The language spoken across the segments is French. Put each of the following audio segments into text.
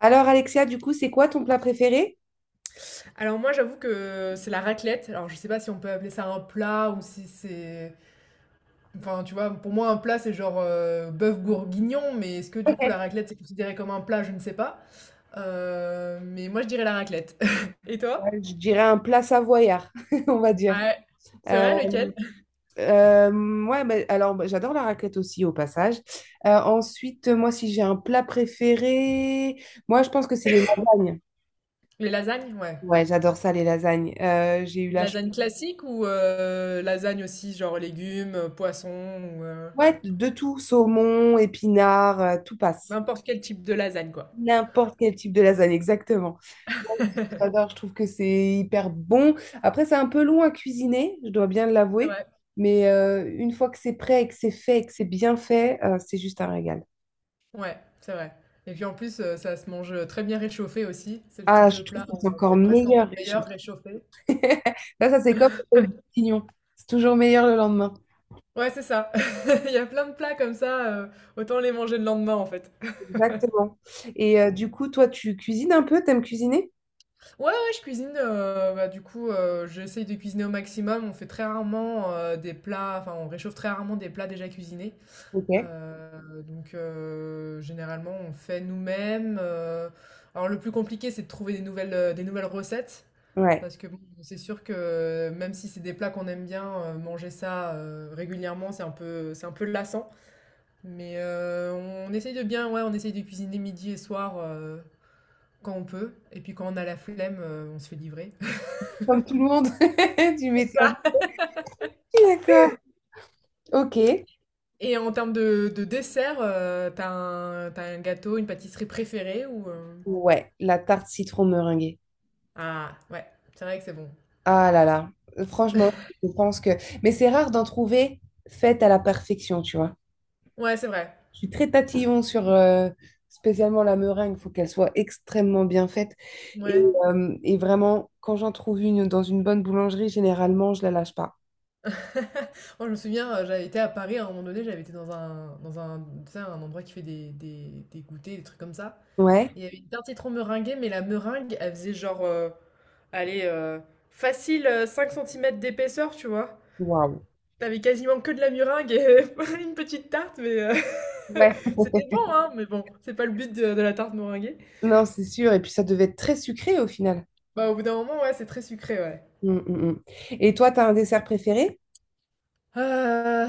Alors, Alexia, du coup, c'est quoi ton plat préféré? Alors moi j'avoue que c'est la raclette. Alors je sais pas si on peut appeler ça un plat ou si c'est... Enfin tu vois, pour moi un plat c'est genre bœuf bourguignon, mais est-ce que du coup la Ouais. raclette c'est considéré comme un plat, je ne sais pas. Mais moi je dirais la raclette. Et Ouais, toi? je dirais un plat savoyard, on va dire. Ouais. C'est Euh, vrai lequel? euh, J'adore la raclette aussi, au passage. Ensuite, moi, si j'ai un plat préféré, moi, je pense que c'est les lasagnes. Les lasagnes? Ouais. Ouais, j'adore ça, les lasagnes. J'ai eu la chance. Lasagne classique ou lasagne aussi genre légumes, poissons ou Ouais, de tout, saumon, épinards, tout passe. n'importe quel type de lasagne quoi. N'importe quel type de lasagne, exactement. Moi, j'adore, je trouve que c'est hyper bon. Après, c'est un peu long à cuisiner, je dois bien C'est l'avouer, vrai. mais une fois que c'est prêt et que c'est fait et que c'est bien fait, c'est juste un régal. Ouais, c'est vrai. Et puis en plus, ça se mange, très bien réchauffé aussi. C'est le type Ah, je de trouve plat, que c'est encore c'est presque meilleur, encore Richard. meilleur réchauffé. Là, ça, c'est comme au bourguignon. C'est toujours meilleur le lendemain. Ouais, c'est ça. Il y a plein de plats comme ça, autant les manger le lendemain en fait. Exactement. Et du coup, toi, tu cuisines un peu? T'aimes cuisiner? Ouais, ouais, je cuisine, bah, du coup, j'essaye de cuisiner au maximum. On fait très rarement, des plats enfin, on réchauffe très rarement des plats déjà cuisinés. Ok. Donc généralement, on fait nous-mêmes, alors le plus compliqué, c'est de trouver des nouvelles recettes. Ouais. Parce que bon, c'est sûr que même si c'est des plats qu'on aime bien, manger ça régulièrement, c'est un peu lassant. Mais on, essaye de bien, ouais, on essaye de cuisiner midi et soir quand on peut. Et puis quand on a la flemme, on se fait livrer. Comme tout le monde, tu C'est m'étonnes. ça. D'accord. Ok. Et en termes de dessert, t'as un gâteau, une pâtisserie préférée ou Ouais, la tarte citron meringuée. Ah, ouais, c'est vrai que c'est bon. Ah là là, franchement, je pense que… Mais c'est rare d'en trouver faite à la perfection, tu vois. Ouais, c'est vrai. Je suis très tatillon sur spécialement la meringue, il faut qu'elle soit extrêmement bien faite. Et, Ouais. Et vraiment, quand j'en trouve une dans une bonne boulangerie, généralement, je la lâche pas. Moi, je me souviens, j'avais été à Paris à un moment donné, j'avais été dans un, tu sais, un endroit qui fait des goûters, des trucs comme ça. Ouais, Et il y avait une tarte citron meringuée, mais la meringue, elle faisait genre, allez, facile 5 cm d'épaisseur, tu vois. waouh. T'avais quasiment que de la meringue et une petite tarte, mais Ouais. c'était bon, hein, mais bon, c'est pas le but de la tarte meringuée. Non, c'est sûr. Et puis ça devait être très sucré au final. Bah, au bout d'un moment, ouais, c'est très sucré, ouais. Hum, hum, hum. Et toi, t'as un dessert préféré? Euh,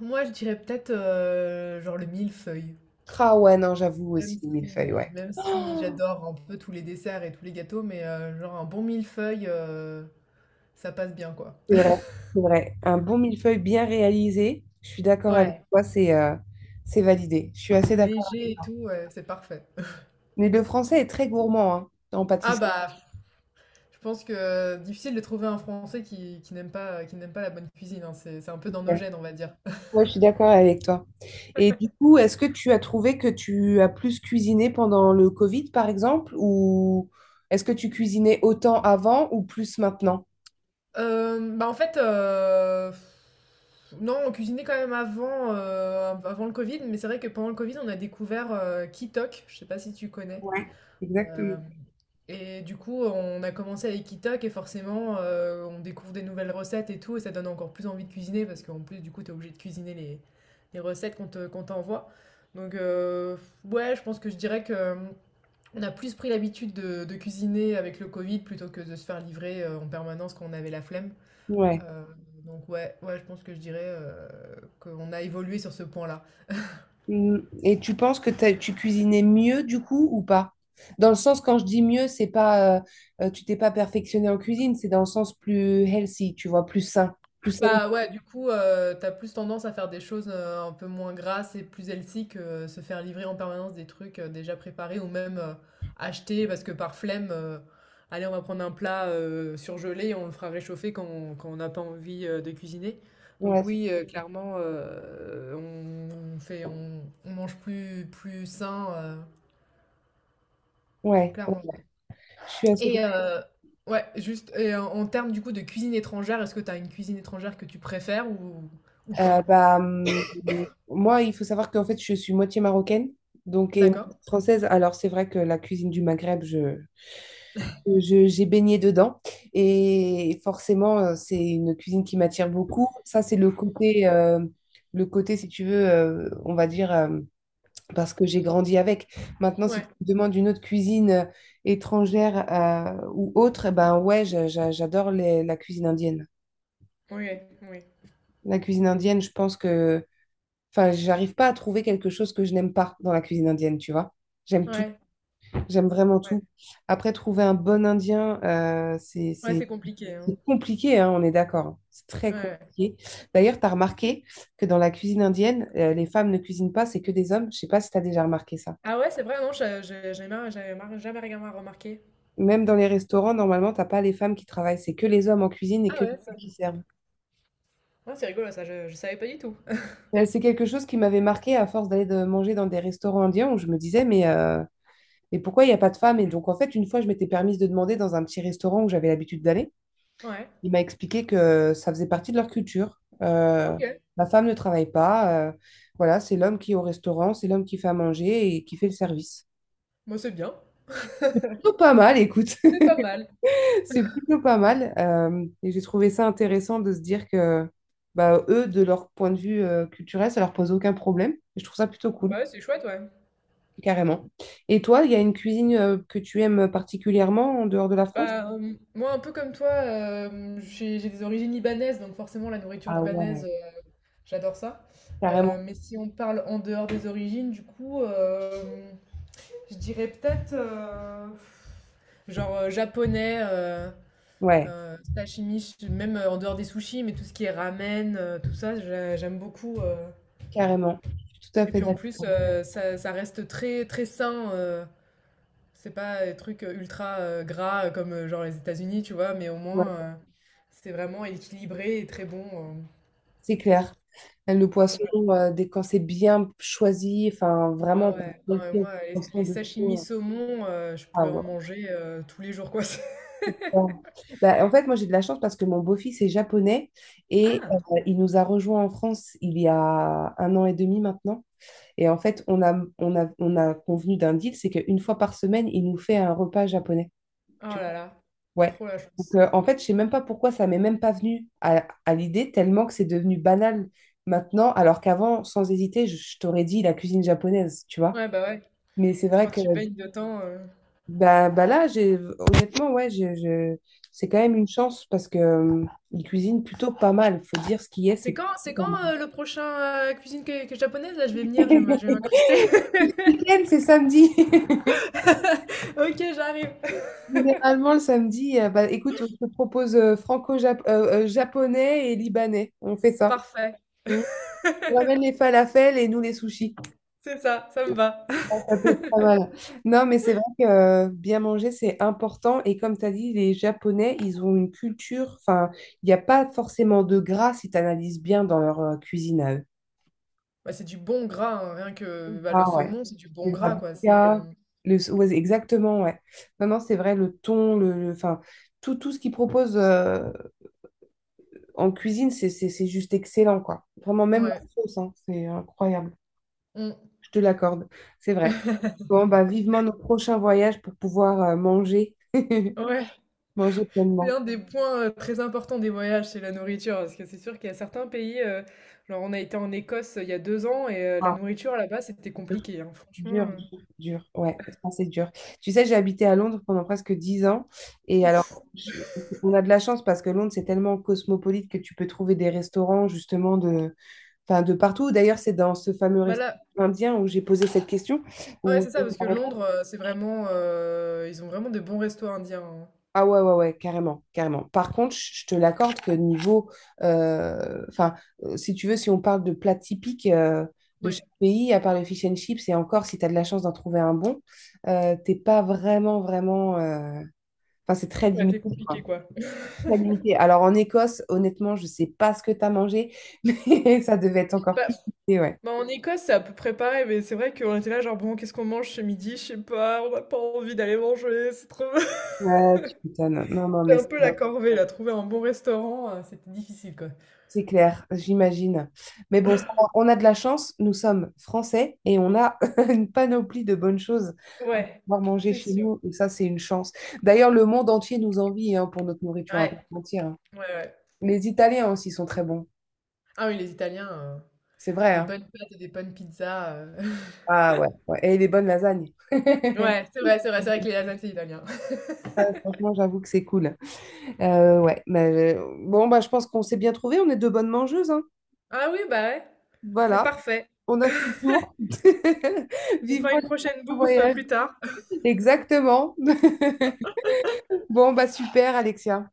moi, je dirais peut-être genre le millefeuille. Ah ouais, non, j'avoue Même aussi, les si millefeuilles, ouais. même si j'adore un peu tous les desserts et tous les gâteaux, mais genre un bon millefeuille, ça passe bien, quoi. C'est vrai, c'est vrai. Un bon millefeuille bien réalisé, je suis d'accord avec Ouais, toi, c'est validé. Je suis assez d'accord léger avec et toi. tout, ouais, c'est parfait. Mais le français est très gourmand hein, en Ah pâtisserie. bah, je pense que difficile de trouver un Français qui n'aime pas la bonne cuisine, hein, c'est un peu dans nos gènes, on va dire. Ouais, je suis d'accord avec toi. Et du coup, est-ce que tu as trouvé que tu as plus cuisiné pendant le Covid, par exemple, ou est-ce que tu cuisinais autant avant ou plus maintenant? Bah, en fait, non, on cuisinait quand même avant, avant le Covid, mais c'est vrai que pendant le Covid, on a découvert, Kitok, je sais pas si tu connais? Ouais, Euh, exactement. et du coup, on a commencé avec Itok et forcément, on découvre des nouvelles recettes et tout, et ça donne encore plus envie de cuisiner parce qu'en plus, du coup, t'es obligé de cuisiner les recettes qu'on t'envoie. Donc, ouais, je pense que je dirais que on a plus pris l'habitude de cuisiner avec le Covid plutôt que de se faire livrer en permanence quand on avait la flemme. Ouais. Euh, donc, ouais, ouais, je pense que je dirais qu'on a évolué sur ce point-là. Mm. Et tu penses que tu cuisinais mieux du coup ou pas? Dans le sens, quand je dis mieux, c'est pas tu t'es pas perfectionné en cuisine, c'est dans le sens plus healthy, tu vois, plus sain. Plus sain. Bah ouais, du coup, t'as plus tendance à faire des choses un peu moins grasses et plus healthy que se faire livrer en permanence des trucs déjà préparés ou même acheter parce que par flemme, allez, on va prendre un plat surgelé et on le fera réchauffer quand on n'a pas envie de cuisiner. Ouais, Donc c'est- oui, clairement, on mange plus sain, ouais, ouais, clairement. je suis assez Et d'accord. euh, ouais, juste, et en termes du coup de cuisine étrangère, est-ce que t'as une cuisine étrangère que tu préfères ou Euh, pas? bah, hum, Moi, il faut savoir qu'en fait, je suis moitié marocaine, donc et D'accord. moitié française. Alors, c'est vrai que la cuisine du Maghreb, j'ai baigné dedans. Et forcément, c'est une cuisine qui m'attire beaucoup. Ça, c'est le côté, si tu veux, on va dire, parce que j'ai grandi avec. Maintenant, si Ouais, tu me demandes une autre cuisine étrangère ou autre, eh ben ouais, j'adore la cuisine indienne. ouais, ouais, La cuisine indienne, je pense que, enfin, j'arrive pas à trouver quelque chose que je n'aime pas dans la cuisine indienne, tu vois. J'aime tout. ouais, J'aime vraiment ouais, tout. Après, trouver un bon Indien, ouais, c'est compliqué, hein. c'est compliqué, hein, on est d'accord. Hein. C'est très Ouais. Ouais. compliqué. D'ailleurs, tu as remarqué que dans la cuisine indienne, les femmes ne cuisinent pas, c'est que des hommes. Je sais pas si tu as déjà remarqué ça. Ah ouais, c'est vrai, non, je- j'ai marre- j'avais marre- jamais rien remarqué. Même dans les restaurants, normalement, t'as pas les femmes qui travaillent, c'est que les hommes en cuisine et Ah que les ouais, ça. femmes qui servent. Ouais, c'est rigolo, ça, je savais pas du tout. C'est quelque chose qui m'avait marqué à force manger dans des restaurants indiens où je me disais, mais pourquoi il n'y a pas de femmes? Et donc, en fait, une fois, je m'étais permise de demander dans un petit restaurant où j'avais l'habitude d'aller. Ouais, Il m'a expliqué que ça faisait partie de leur culture. Ok, La femme ne travaille pas. Voilà, c'est l'homme qui est au restaurant, c'est l'homme qui fait à manger et qui fait le service. moi c'est bien, Plutôt pas mal, écoute. c'est pas mal. C'est plutôt pas mal. Et j'ai trouvé ça intéressant de se dire que bah, eux, de leur point de vue culturel, ça leur pose aucun problème. Et je trouve ça plutôt cool, Bah, ouais, c'est chouette, ouais. carrément. Et toi, il y a une cuisine que tu aimes particulièrement en dehors de la France? Moi, un peu comme toi, j'ai des origines libanaises, donc forcément, la nourriture Ah libanaise, ouais, j'adore ça. Euh, carrément. mais si on parle en dehors des origines, du coup, je dirais peut-être genre japonais. Ouais, Sashimi, même en dehors des sushis, mais tout ce qui est ramen, tout ça, j'aime beaucoup. Carrément. Je suis tout à Et fait puis en plus, d'accord. Ça reste très très sain. C'est pas des trucs ultra gras comme genre les États-Unis, tu vois, mais au Ouais. moins c'est vraiment équilibré et très bon. euh. C'est clair. Le Bon, poisson, ouais. Dès quand c'est bien choisi, enfin vraiment, Ah t'as ouais, non, bien mais fait moi, les, attention les de sashimi tout. Euh. saumon, je Ah pourrais en ouais. manger tous les jours, quoi. Ouais. Bah, en fait, moi j'ai de la chance parce que mon beau-fils est japonais et Ah! Il nous a rejoints en France il y a un an et demi maintenant. Et en fait, on a convenu d'un deal, c'est qu'une fois par semaine, il nous fait un repas japonais. Oh là là, Ouais. trop la Donc, chance. En fait, je sais même pas pourquoi ça m'est même pas venu à l'idée, tellement que c'est devenu banal maintenant, alors qu'avant, sans hésiter, je t'aurais dit la cuisine japonaise, tu vois. Ouais, bah ouais, Mais c'est vrai quand que tu baignes dedans. Bah, bah là, j'ai, honnêtement, ouais, c'est quand même une chance parce que ils cuisinent plutôt pas mal. Faut dire ce qui est, c'est C'est quand, plutôt c'est pas quand mal. Le prochain cuisine que japonaise? Là, je vais venir, je vais m'incruster. Week-end, c'est samedi. Ok, j'arrive. Généralement, le samedi, bah, écoute, on te propose franco-japonais et libanais. On fait ça. Parfait. On ramène les falafels et nous les sushis. C'est ça, ça me va. Ah, ça peut être pas mal. Non, mais c'est vrai que bien manger, c'est important. Et comme tu as dit, les Japonais, ils ont une culture, enfin, il n'y a pas forcément de gras si tu analyses bien dans leur cuisine à eux. Bah, c'est du bon gras, hein, rien que bah, le Ah ouais, saumon, c'est du bon les gras, quoi. C'est avocats, le, ouais, exactement, ouais. Non, non, c'est vrai, le thon, enfin, tout, tout ce qu'ils proposent en cuisine, c'est juste excellent, quoi. Vraiment, même Ouais, leur sauce, hein, c'est incroyable. Mm. Je te l'accorde, c'est vrai. Bon, bah, vivement nos prochains voyages pour pouvoir manger. Ouais. Manger C'est pleinement. un des points très importants des voyages, c'est la nourriture, parce que c'est sûr qu'il y a certains pays. Genre, on a été en Écosse il y a 2 ans et la Ah, nourriture là-bas, c'était dur, compliqué, hein, franchement. dur, dur. Dur. Ouais, ça c'est dur. Tu sais, j'ai habité à Londres pendant presque 10 ans. Et Ouf. alors, je- on a de la chance parce que Londres, c'est tellement cosmopolite que tu peux trouver des restaurants justement de, enfin, de partout. D'ailleurs, c'est dans ce fameux Bah restaurant là, indien où j'ai posé cette question, ouais, où c'est ça, parce que Londres, c'est vraiment, ils ont vraiment de bons restos indiens, hein. ah ouais, ouais, ouais, carrément, carrément. Par contre, je te l'accorde que niveau, enfin, si tu veux, si on parle de plats typiques de Ouais. chaque pays, à part le fish and chips, et encore, si tu as de la chance d'en trouver un bon, t'es pas vraiment, vraiment… Enfin, c'est très Ouais, c'est limité, compliqué quoi. quoi. Très limité. Alors, en Écosse, honnêtement, je sais pas ce que tu as mangé, mais ça devait être encore Bah, plus limité, ouais. bah, en Écosse, c'est à peu près pareil, mais c'est vrai qu'on était là, genre bon, qu'est-ce qu'on mange ce midi? Je sais pas, on n'a pas envie d'aller manger, c'est trop. Ouais, tu m'étonnes. Non, non, C'est mais… un c'est peu la corvée là, trouver un bon restaurant, c'était difficile quoi. C'est clair, j'imagine. Mais bon, ça, va, on a de la chance, nous sommes français et on a une panoplie de bonnes choses à Ouais, pouvoir manger c'est chez sûr. nous. Et ça, c'est une chance. D'ailleurs, le monde entier nous envie hein, pour notre nourriture à part Ouais, entière, hein. ouais, ouais. Les Italiens aussi sont très bons. Ah oui, les Italiens, C'est vrai, des hein. bonnes pâtes et des bonnes pizzas. Ah ouais, ouais. Et les bonnes lasagnes. Ouais, ouais, c'est vrai, c'est vrai, c'est vrai que les lasagnes, c'est italien. Franchement, j'avoue que c'est cool. Ouais, mais bon, bah, je pense qu'on s'est bien trouvés. On est deux bonnes mangeuses, hein. Ah oui, bah ouais, c'est Voilà, parfait. on a fait le tour. On fera Vivement une prochaine le bouffe voyage. plus tard. Exactement. Bon, bah super, Alexia.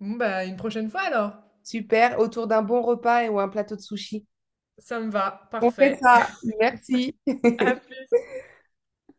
Bon, bah, une prochaine fois alors. Super, autour d'un bon repas et ou un plateau de sushi. Ça me va, On fait parfait. ça. Merci. À plus.